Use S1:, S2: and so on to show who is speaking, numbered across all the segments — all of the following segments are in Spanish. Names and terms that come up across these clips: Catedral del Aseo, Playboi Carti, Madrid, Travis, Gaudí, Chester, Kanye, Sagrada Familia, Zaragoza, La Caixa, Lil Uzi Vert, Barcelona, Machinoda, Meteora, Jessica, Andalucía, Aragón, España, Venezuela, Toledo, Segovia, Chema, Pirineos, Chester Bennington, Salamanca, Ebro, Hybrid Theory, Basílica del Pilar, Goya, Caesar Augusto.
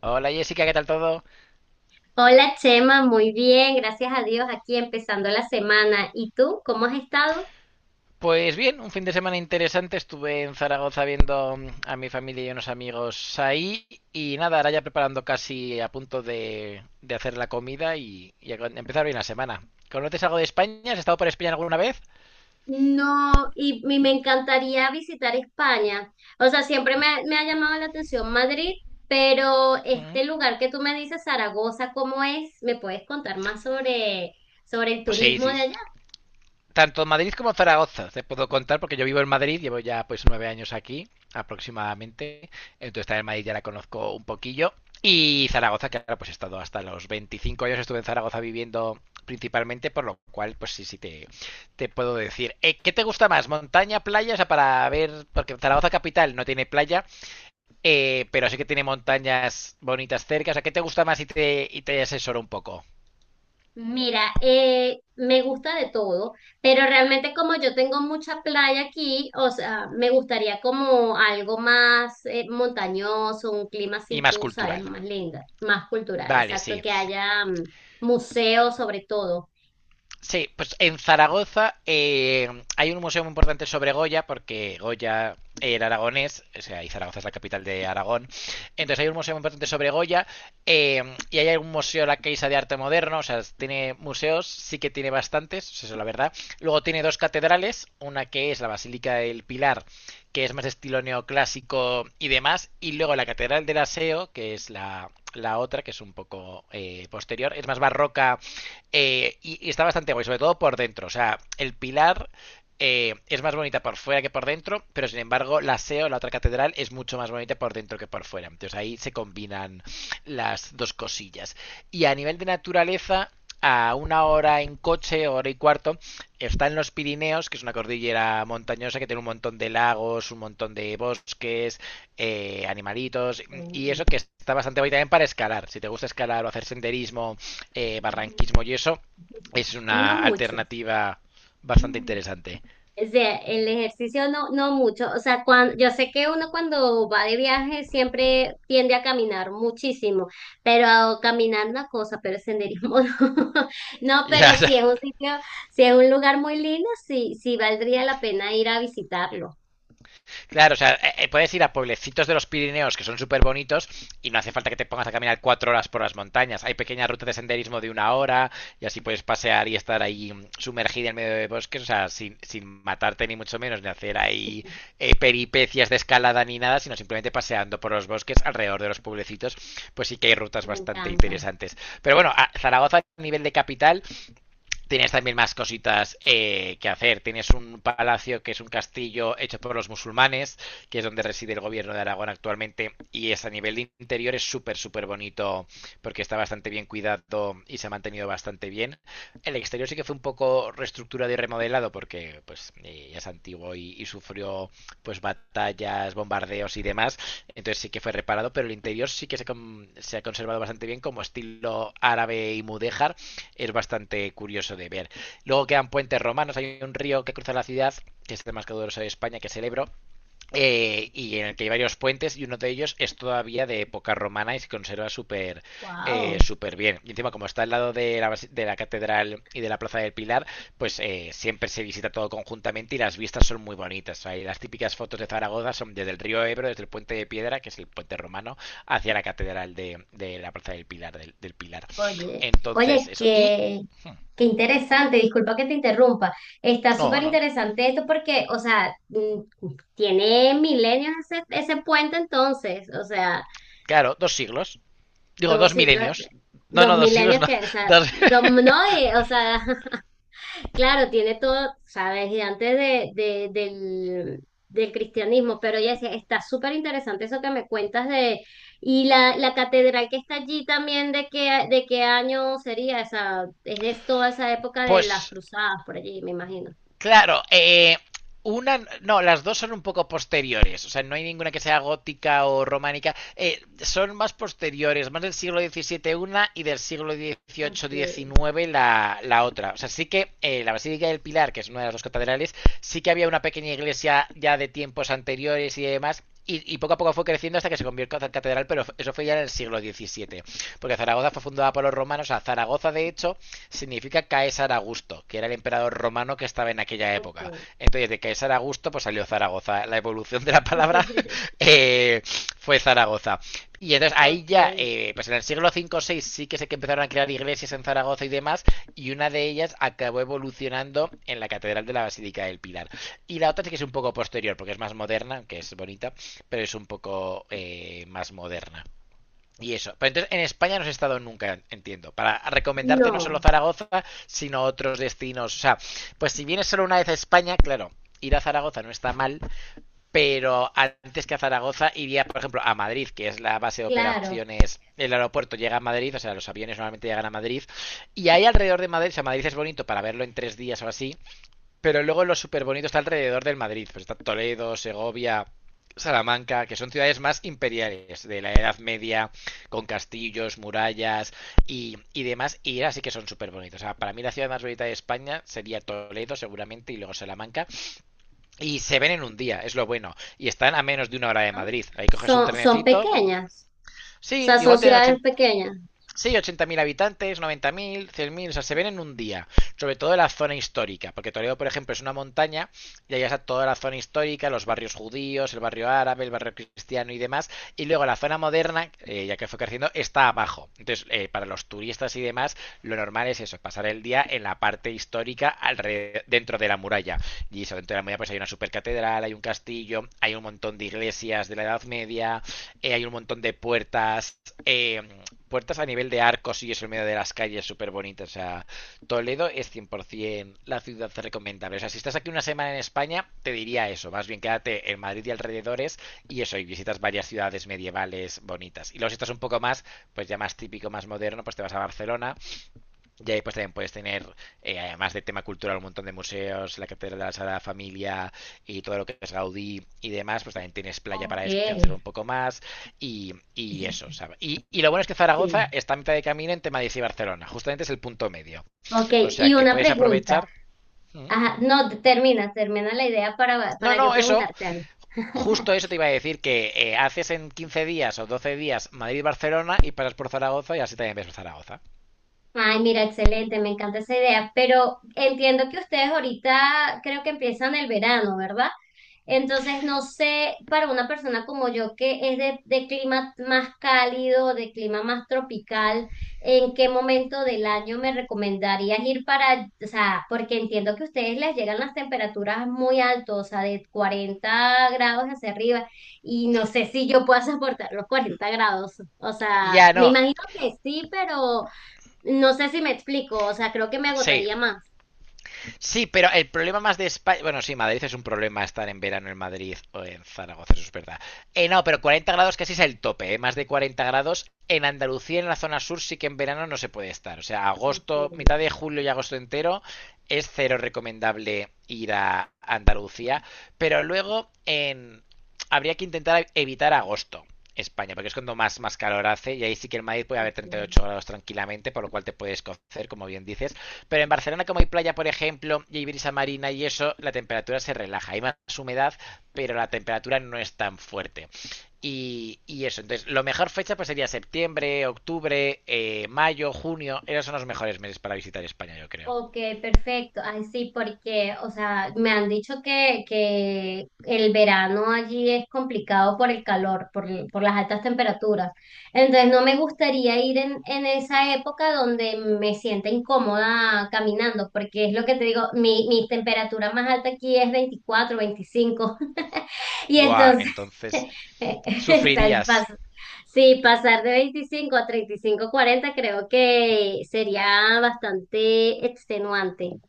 S1: Hola Jessica, ¿qué tal todo?
S2: Hola Chema, muy bien, gracias a Dios, aquí empezando la semana. ¿Y tú, cómo has estado?
S1: Pues bien, un fin de semana interesante. Estuve en Zaragoza viendo a mi familia y unos amigos ahí. Y nada, ahora ya preparando casi a punto de hacer la comida y empezar bien la semana. ¿Conoces algo de España? ¿Has estado por España alguna vez?
S2: No, y me encantaría visitar España. O sea, siempre me ha llamado la atención Madrid, pero
S1: Ujú.
S2: este lugar que tú me dices, Zaragoza, ¿cómo es? ¿Me puedes contar más sobre, sobre el
S1: Pues sí,
S2: turismo
S1: sí,
S2: de
S1: tanto Madrid como Zaragoza, te puedo contar, porque yo vivo en Madrid, llevo ya pues nueve años aquí aproximadamente, entonces también Madrid ya la conozco un poquillo, y Zaragoza, que ahora pues he estado hasta los 25 años, estuve en Zaragoza viviendo principalmente, por lo cual pues sí, sí te puedo decir. ¿Qué te gusta más? ¿Montaña, playa? O sea, para ver, porque Zaragoza capital no tiene playa, pero sí que tiene montañas bonitas cerca, o sea, ¿qué te gusta más y te asesoro un poco?
S2: Mira, me gusta de todo, pero realmente como yo tengo mucha playa aquí, o sea, me gustaría como algo más montañoso, un clima
S1: Y
S2: así,
S1: más
S2: tú sabes,
S1: cultural.
S2: más linda, más cultural,
S1: Vale,
S2: exacto,
S1: sí.
S2: que haya museos sobre todo.
S1: Sí, pues en Zaragoza hay un museo muy importante sobre Goya, porque Goya era aragonés, o sea, y Zaragoza es la capital de Aragón. Entonces hay un museo muy importante sobre Goya, eh, y hay un museo La Caixa de Arte Moderno, o sea, tiene museos, sí que tiene bastantes, eso es la verdad. Luego tiene dos catedrales, una que es la Basílica del Pilar, que es más estilo neoclásico y demás, y luego la Catedral del Aseo, que es la otra, que es un poco posterior, es más barroca y está bastante guay, sobre todo por dentro. O sea, el pilar es más bonita por fuera que por dentro, pero sin embargo, la SEO, la otra catedral, es mucho más bonita por dentro que por fuera. Entonces ahí se combinan las dos cosillas. Y a nivel de naturaleza, a una hora en coche, hora y cuarto, está en los Pirineos, que es una cordillera montañosa que tiene un montón de lagos, un montón de bosques, animalitos, y
S2: Ok.
S1: eso que está bastante bien también para escalar. Si te gusta escalar o hacer senderismo,
S2: Ujú.
S1: barranquismo y eso, es
S2: No
S1: una
S2: mucho.
S1: alternativa bastante interesante.
S2: O sea, el ejercicio no, no mucho. O sea, yo sé que uno cuando va de viaje siempre tiende a caminar muchísimo, pero caminar una cosa, pero senderismo no. No, pero
S1: Ya,
S2: si es un sitio, si es un lugar muy lindo, sí, sí valdría la pena ir a visitarlo.
S1: claro, o sea, puedes ir a pueblecitos de los Pirineos que son súper bonitos y no hace falta que te pongas a caminar cuatro horas por las montañas. Hay pequeñas rutas de senderismo de una hora y así puedes pasear y estar ahí sumergida en medio de bosques, o sea, sin matarte ni mucho menos, ni hacer ahí peripecias de escalada ni nada, sino simplemente paseando por los bosques alrededor de los pueblecitos, pues sí que hay rutas
S2: Me
S1: bastante
S2: encanta.
S1: interesantes. Pero bueno, a Zaragoza a nivel de capital tienes también más cositas que hacer. Tienes un palacio que es un castillo hecho por los musulmanes, que es donde reside el gobierno de Aragón actualmente. Y es a nivel de interior es súper, súper bonito porque está bastante bien cuidado y se ha mantenido bastante bien. El exterior sí que fue un poco reestructurado y remodelado porque pues ya es antiguo y sufrió pues batallas, bombardeos y demás. Entonces sí que fue reparado, pero el interior sí que se ha conservado bastante bien como estilo árabe y mudéjar es bastante curioso de ver. Luego quedan puentes romanos, hay un río que cruza la ciudad, que es el más caudaloso de España, que es el Ebro, y en el que hay varios puentes y uno de ellos es todavía de época romana y se conserva súper
S2: Wow.
S1: súper bien. Y encima como está al lado de de la catedral y de la plaza del Pilar, pues siempre se visita todo conjuntamente y las vistas son muy bonitas. Hay las típicas fotos de Zaragoza son desde el río Ebro, desde el puente de piedra, que es el puente romano, hacia la catedral de la plaza del Pilar, del Pilar.
S2: Oye,
S1: Entonces
S2: oye,
S1: eso.
S2: qué,
S1: Hmm,
S2: qué interesante, disculpa que te interrumpa. Está
S1: No,
S2: súper
S1: no.
S2: interesante esto porque, o sea, mm, tiene milenios ese puente entonces, o sea,
S1: Claro, dos siglos. Digo,
S2: dos
S1: dos
S2: siglos,
S1: milenios. No,
S2: dos
S1: no, dos siglos
S2: milenios
S1: no.
S2: que, o sea,
S1: Dos-
S2: dos, no, y, o sea, claro, tiene todo, sabes, y antes de, del, del cristianismo, pero ella decía, está súper interesante eso que me cuentas de, y la catedral que está allí también, de qué año sería esa? Es de toda esa época de las
S1: Pues
S2: cruzadas por allí, me imagino.
S1: Claro, una, no, las dos son un poco posteriores, o sea, no hay ninguna que sea gótica o románica, son más posteriores, más del siglo XVII una y del siglo
S2: Ok,
S1: XVIII-XIX la otra. O sea, sí que la Basílica del Pilar, que es una de las dos catedrales, sí que había una pequeña iglesia ya de tiempos anteriores y demás, y poco a poco fue creciendo hasta que se convirtió en catedral, pero eso fue ya en el siglo XVII, porque Zaragoza fue fundada por los romanos, o sea, Zaragoza de hecho significa Caesar Augusto, que era el emperador romano que estaba en aquella época.
S2: ok.
S1: Entonces, de Caesar Augusto, pues salió Zaragoza. La evolución de la palabra eh, fue Zaragoza. Y entonces ahí
S2: Ok.
S1: ya, pues en el siglo V o VI sí que sé que empezaron a crear iglesias en Zaragoza y demás, y una de ellas acabó evolucionando en la Catedral de la Basílica del Pilar. Y la otra sí que es un poco posterior, porque es más moderna, que es bonita, pero es un poco más moderna. Y eso. Pero entonces en España no has estado nunca, entiendo. Para recomendarte no solo
S2: No,
S1: Zaragoza, sino otros destinos. O sea, pues si vienes solo una vez a España, claro, ir a Zaragoza no está mal, pero antes que a Zaragoza iría, por ejemplo, a Madrid, que es la base de
S2: claro.
S1: operaciones. El aeropuerto llega a Madrid, o sea, los aviones normalmente llegan a Madrid. Y ahí alrededor de Madrid, o sea, Madrid es bonito para verlo en tres días o así. Pero luego lo súper bonito está alrededor del Madrid. Pues está Toledo, Segovia, Salamanca, que son ciudades más imperiales de la Edad Media, con castillos, murallas y demás. Y así que son súper bonitos. O sea, para mí la ciudad más bonita de España sería Toledo, seguramente, y luego Salamanca. Y se ven en un día, es lo bueno. Y están a menos de una hora de
S2: Ah,
S1: Madrid. Ahí coges un
S2: son, son
S1: trenecito.
S2: pequeñas, o
S1: Sí,
S2: sea, son
S1: igual tienen
S2: ciudades
S1: 80.
S2: pequeñas.
S1: Sí, 80.000 habitantes, 90.000, mil, o sea, se ven en un día, sobre todo en la zona histórica, porque Toledo, por ejemplo, es una montaña y ahí está toda la zona histórica, los barrios judíos, el barrio árabe, el barrio cristiano y demás, y luego la zona moderna, ya que fue creciendo, está abajo. Entonces, para los turistas y demás, lo normal es eso, pasar el día en la parte histórica alrededor, dentro de la muralla. Y eso, dentro de la muralla pues hay una supercatedral, hay un castillo, hay un montón de iglesias de la Edad Media, hay un montón de puertas, eh, puertas a nivel de arcos y eso en medio de las calles, súper bonito. O sea, Toledo es 100% la ciudad recomendable. O sea, si estás aquí una semana en España, te diría eso. Más bien quédate en Madrid y alrededores y eso, y visitas varias ciudades medievales bonitas. Y luego si estás un poco más, pues ya más típico, más moderno, pues te vas a Barcelona y ahí pues también puedes tener, además de tema cultural, un montón de museos, la Catedral de la Sagrada Familia y todo lo que es Gaudí y demás, pues también tienes playa para
S2: Ok.
S1: descansar un poco más y eso, ¿sabes? Y lo bueno es que Zaragoza
S2: Sí.
S1: está a mitad de camino entre Madrid y Barcelona, justamente es el punto medio.
S2: Ok,
S1: O
S2: y
S1: sea que
S2: una
S1: puedes
S2: pregunta.
S1: aprovechar...
S2: Ajá, no, termina, termina la idea
S1: No,
S2: para yo
S1: no, eso,
S2: preguntarte algo.
S1: justo eso te iba a decir, que haces en 15 días o 12 días Madrid-Barcelona y pasas por Zaragoza y así también ves Zaragoza.
S2: Ay, mira, excelente, me encanta esa idea, pero entiendo que ustedes ahorita creo que empiezan el verano, ¿verdad? Entonces, no sé, para una persona como yo que es de clima más cálido, de clima más tropical, ¿en qué momento del año me recomendarías ir para, o sea, porque entiendo que a ustedes les llegan las temperaturas muy altas, o sea, de 40 grados hacia arriba, y no sé si yo pueda soportar los 40 grados, o sea,
S1: Ya
S2: me
S1: no,
S2: imagino que sí, pero... No sé si me explico, o sea, creo que me
S1: sí,
S2: agotaría más.
S1: sí, pero el problema más de España. Bueno, sí, Madrid es un problema estar en verano en Madrid o en Zaragoza, eso es verdad. No, pero 40 grados casi es el tope, ¿eh? Más de 40 grados. En Andalucía, en la zona sur, sí que en verano no se puede estar. O sea,
S2: Ok,
S1: agosto, mitad de julio y agosto entero, es cero recomendable ir a Andalucía. Pero luego en... habría que intentar evitar agosto. España, porque es cuando más calor hace y ahí sí que en Madrid puede haber
S2: ok.
S1: 38 grados tranquilamente, por lo cual te puedes cocer, como bien dices, pero en Barcelona, como hay playa, por ejemplo, y hay brisa marina y eso, la temperatura se relaja. Hay más humedad, pero la temperatura no es tan fuerte. Y eso, entonces, lo mejor fecha pues sería septiembre, octubre, mayo, junio. Esos son los mejores meses para visitar España, yo creo.
S2: Ok, perfecto. Ay, sí, porque, o sea, me han dicho que el verano allí es complicado por el calor, por, por las altas temperaturas. Entonces, no me gustaría ir en esa época donde me sienta incómoda caminando, porque es lo que te digo, mi temperatura más alta aquí es 24 25 Y
S1: Buah,
S2: entonces
S1: entonces,
S2: Eh, Está el
S1: sufrirías.
S2: paso. Sí, pasar de 25 a 35 40 creo que sería bastante extenuante.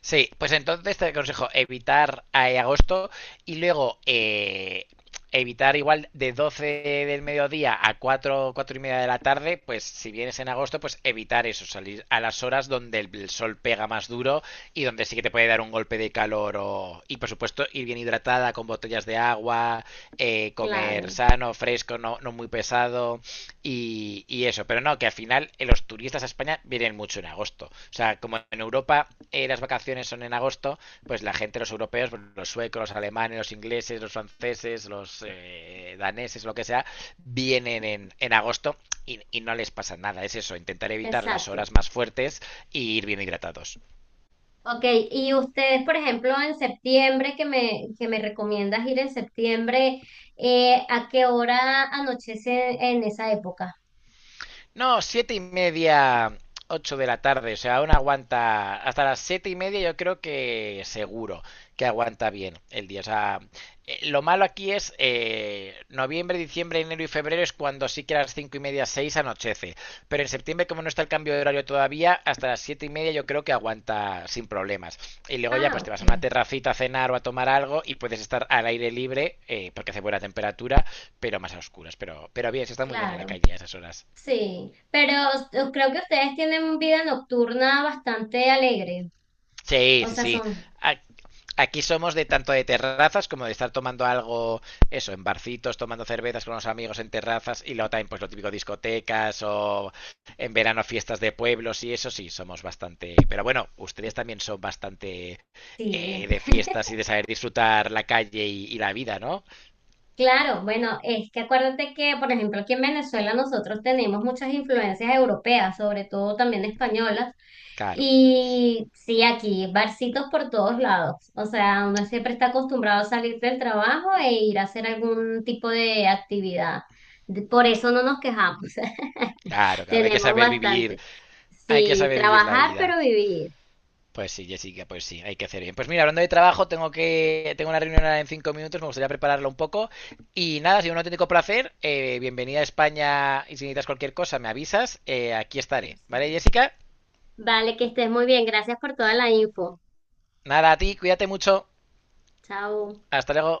S1: Sí, pues entonces te aconsejo evitar agosto y luego evitar igual de 12 del mediodía a 4 4 y media de la tarde, pues si vienes en agosto, pues evitar eso, salir a las horas donde el sol pega más duro y donde sí que te puede dar un golpe de calor o... y por supuesto ir bien hidratada con botellas de agua, comer
S2: Claro,
S1: sano, fresco, no muy pesado, y eso, pero no, que al final los turistas a España vienen mucho en agosto. O sea, como en Europa las vacaciones son en agosto, pues la gente, los europeos, pues, los suecos, los alemanes, los ingleses, los franceses, los daneses, lo que sea, vienen en agosto y no les pasa nada. Es eso, intentar evitar las
S2: exacto.
S1: horas más fuertes e ir bien hidratados.
S2: Ok, y ustedes, por ejemplo, en septiembre, que me recomiendas ir en septiembre, ¿a qué hora anochece en esa época?
S1: No, siete y media, ocho de la tarde. O sea, aún aguanta. Hasta las siete y media, yo creo que seguro que aguanta bien el día. O sea, lo malo aquí es noviembre, diciembre, enero y febrero es cuando sí que a las cinco y media, seis anochece. Pero en septiembre, como no está el cambio de horario todavía, hasta las siete y media yo creo que aguanta sin problemas. Y luego ya
S2: Ah,
S1: pues te vas
S2: ok,
S1: a una terracita a cenar o a tomar algo y puedes estar al aire libre porque hace buena temperatura, pero más a oscuras. Pero bien, se está muy bien en la
S2: claro.
S1: calle a esas horas.
S2: Sí, pero creo que ustedes tienen vida nocturna bastante alegre.
S1: Sí,
S2: O
S1: sí,
S2: sea,
S1: sí.
S2: son...
S1: A- Aquí somos de tanto de terrazas como de estar tomando algo, eso, en barcitos, tomando cervezas con los amigos en terrazas y luego también pues lo típico discotecas o en verano fiestas de pueblos y eso sí, somos bastante... Pero bueno, ustedes también son bastante
S2: Sí.
S1: de fiestas y de saber disfrutar la calle y la vida, ¿no?
S2: Claro, bueno, es que acuérdate que, por ejemplo, aquí en Venezuela nosotros tenemos muchas influencias europeas, sobre todo también españolas,
S1: Claro,
S2: y sí, aquí barcitos por todos lados. O sea, uno siempre está acostumbrado a salir del trabajo e ir a hacer algún tipo de actividad. Por eso no nos quejamos,
S1: claro, claro. Hay que
S2: tenemos
S1: saber vivir,
S2: bastante.
S1: hay que
S2: Sí,
S1: saber vivir la
S2: trabajar
S1: vida.
S2: pero vivir.
S1: Pues sí, Jessica, pues sí, hay que hacer bien. Pues mira, hablando de trabajo, tengo una reunión ahora en cinco minutos, me gustaría prepararlo un poco. Y nada, ha sido un auténtico placer. Bienvenida a España y si necesitas cualquier cosa, me avisas. Aquí
S2: Por
S1: estaré. ¿Vale,
S2: supuesto.
S1: Jessica?
S2: Vale, que estés muy bien. Gracias por toda la info.
S1: Nada, a ti, cuídate mucho.
S2: Chao.
S1: Hasta luego.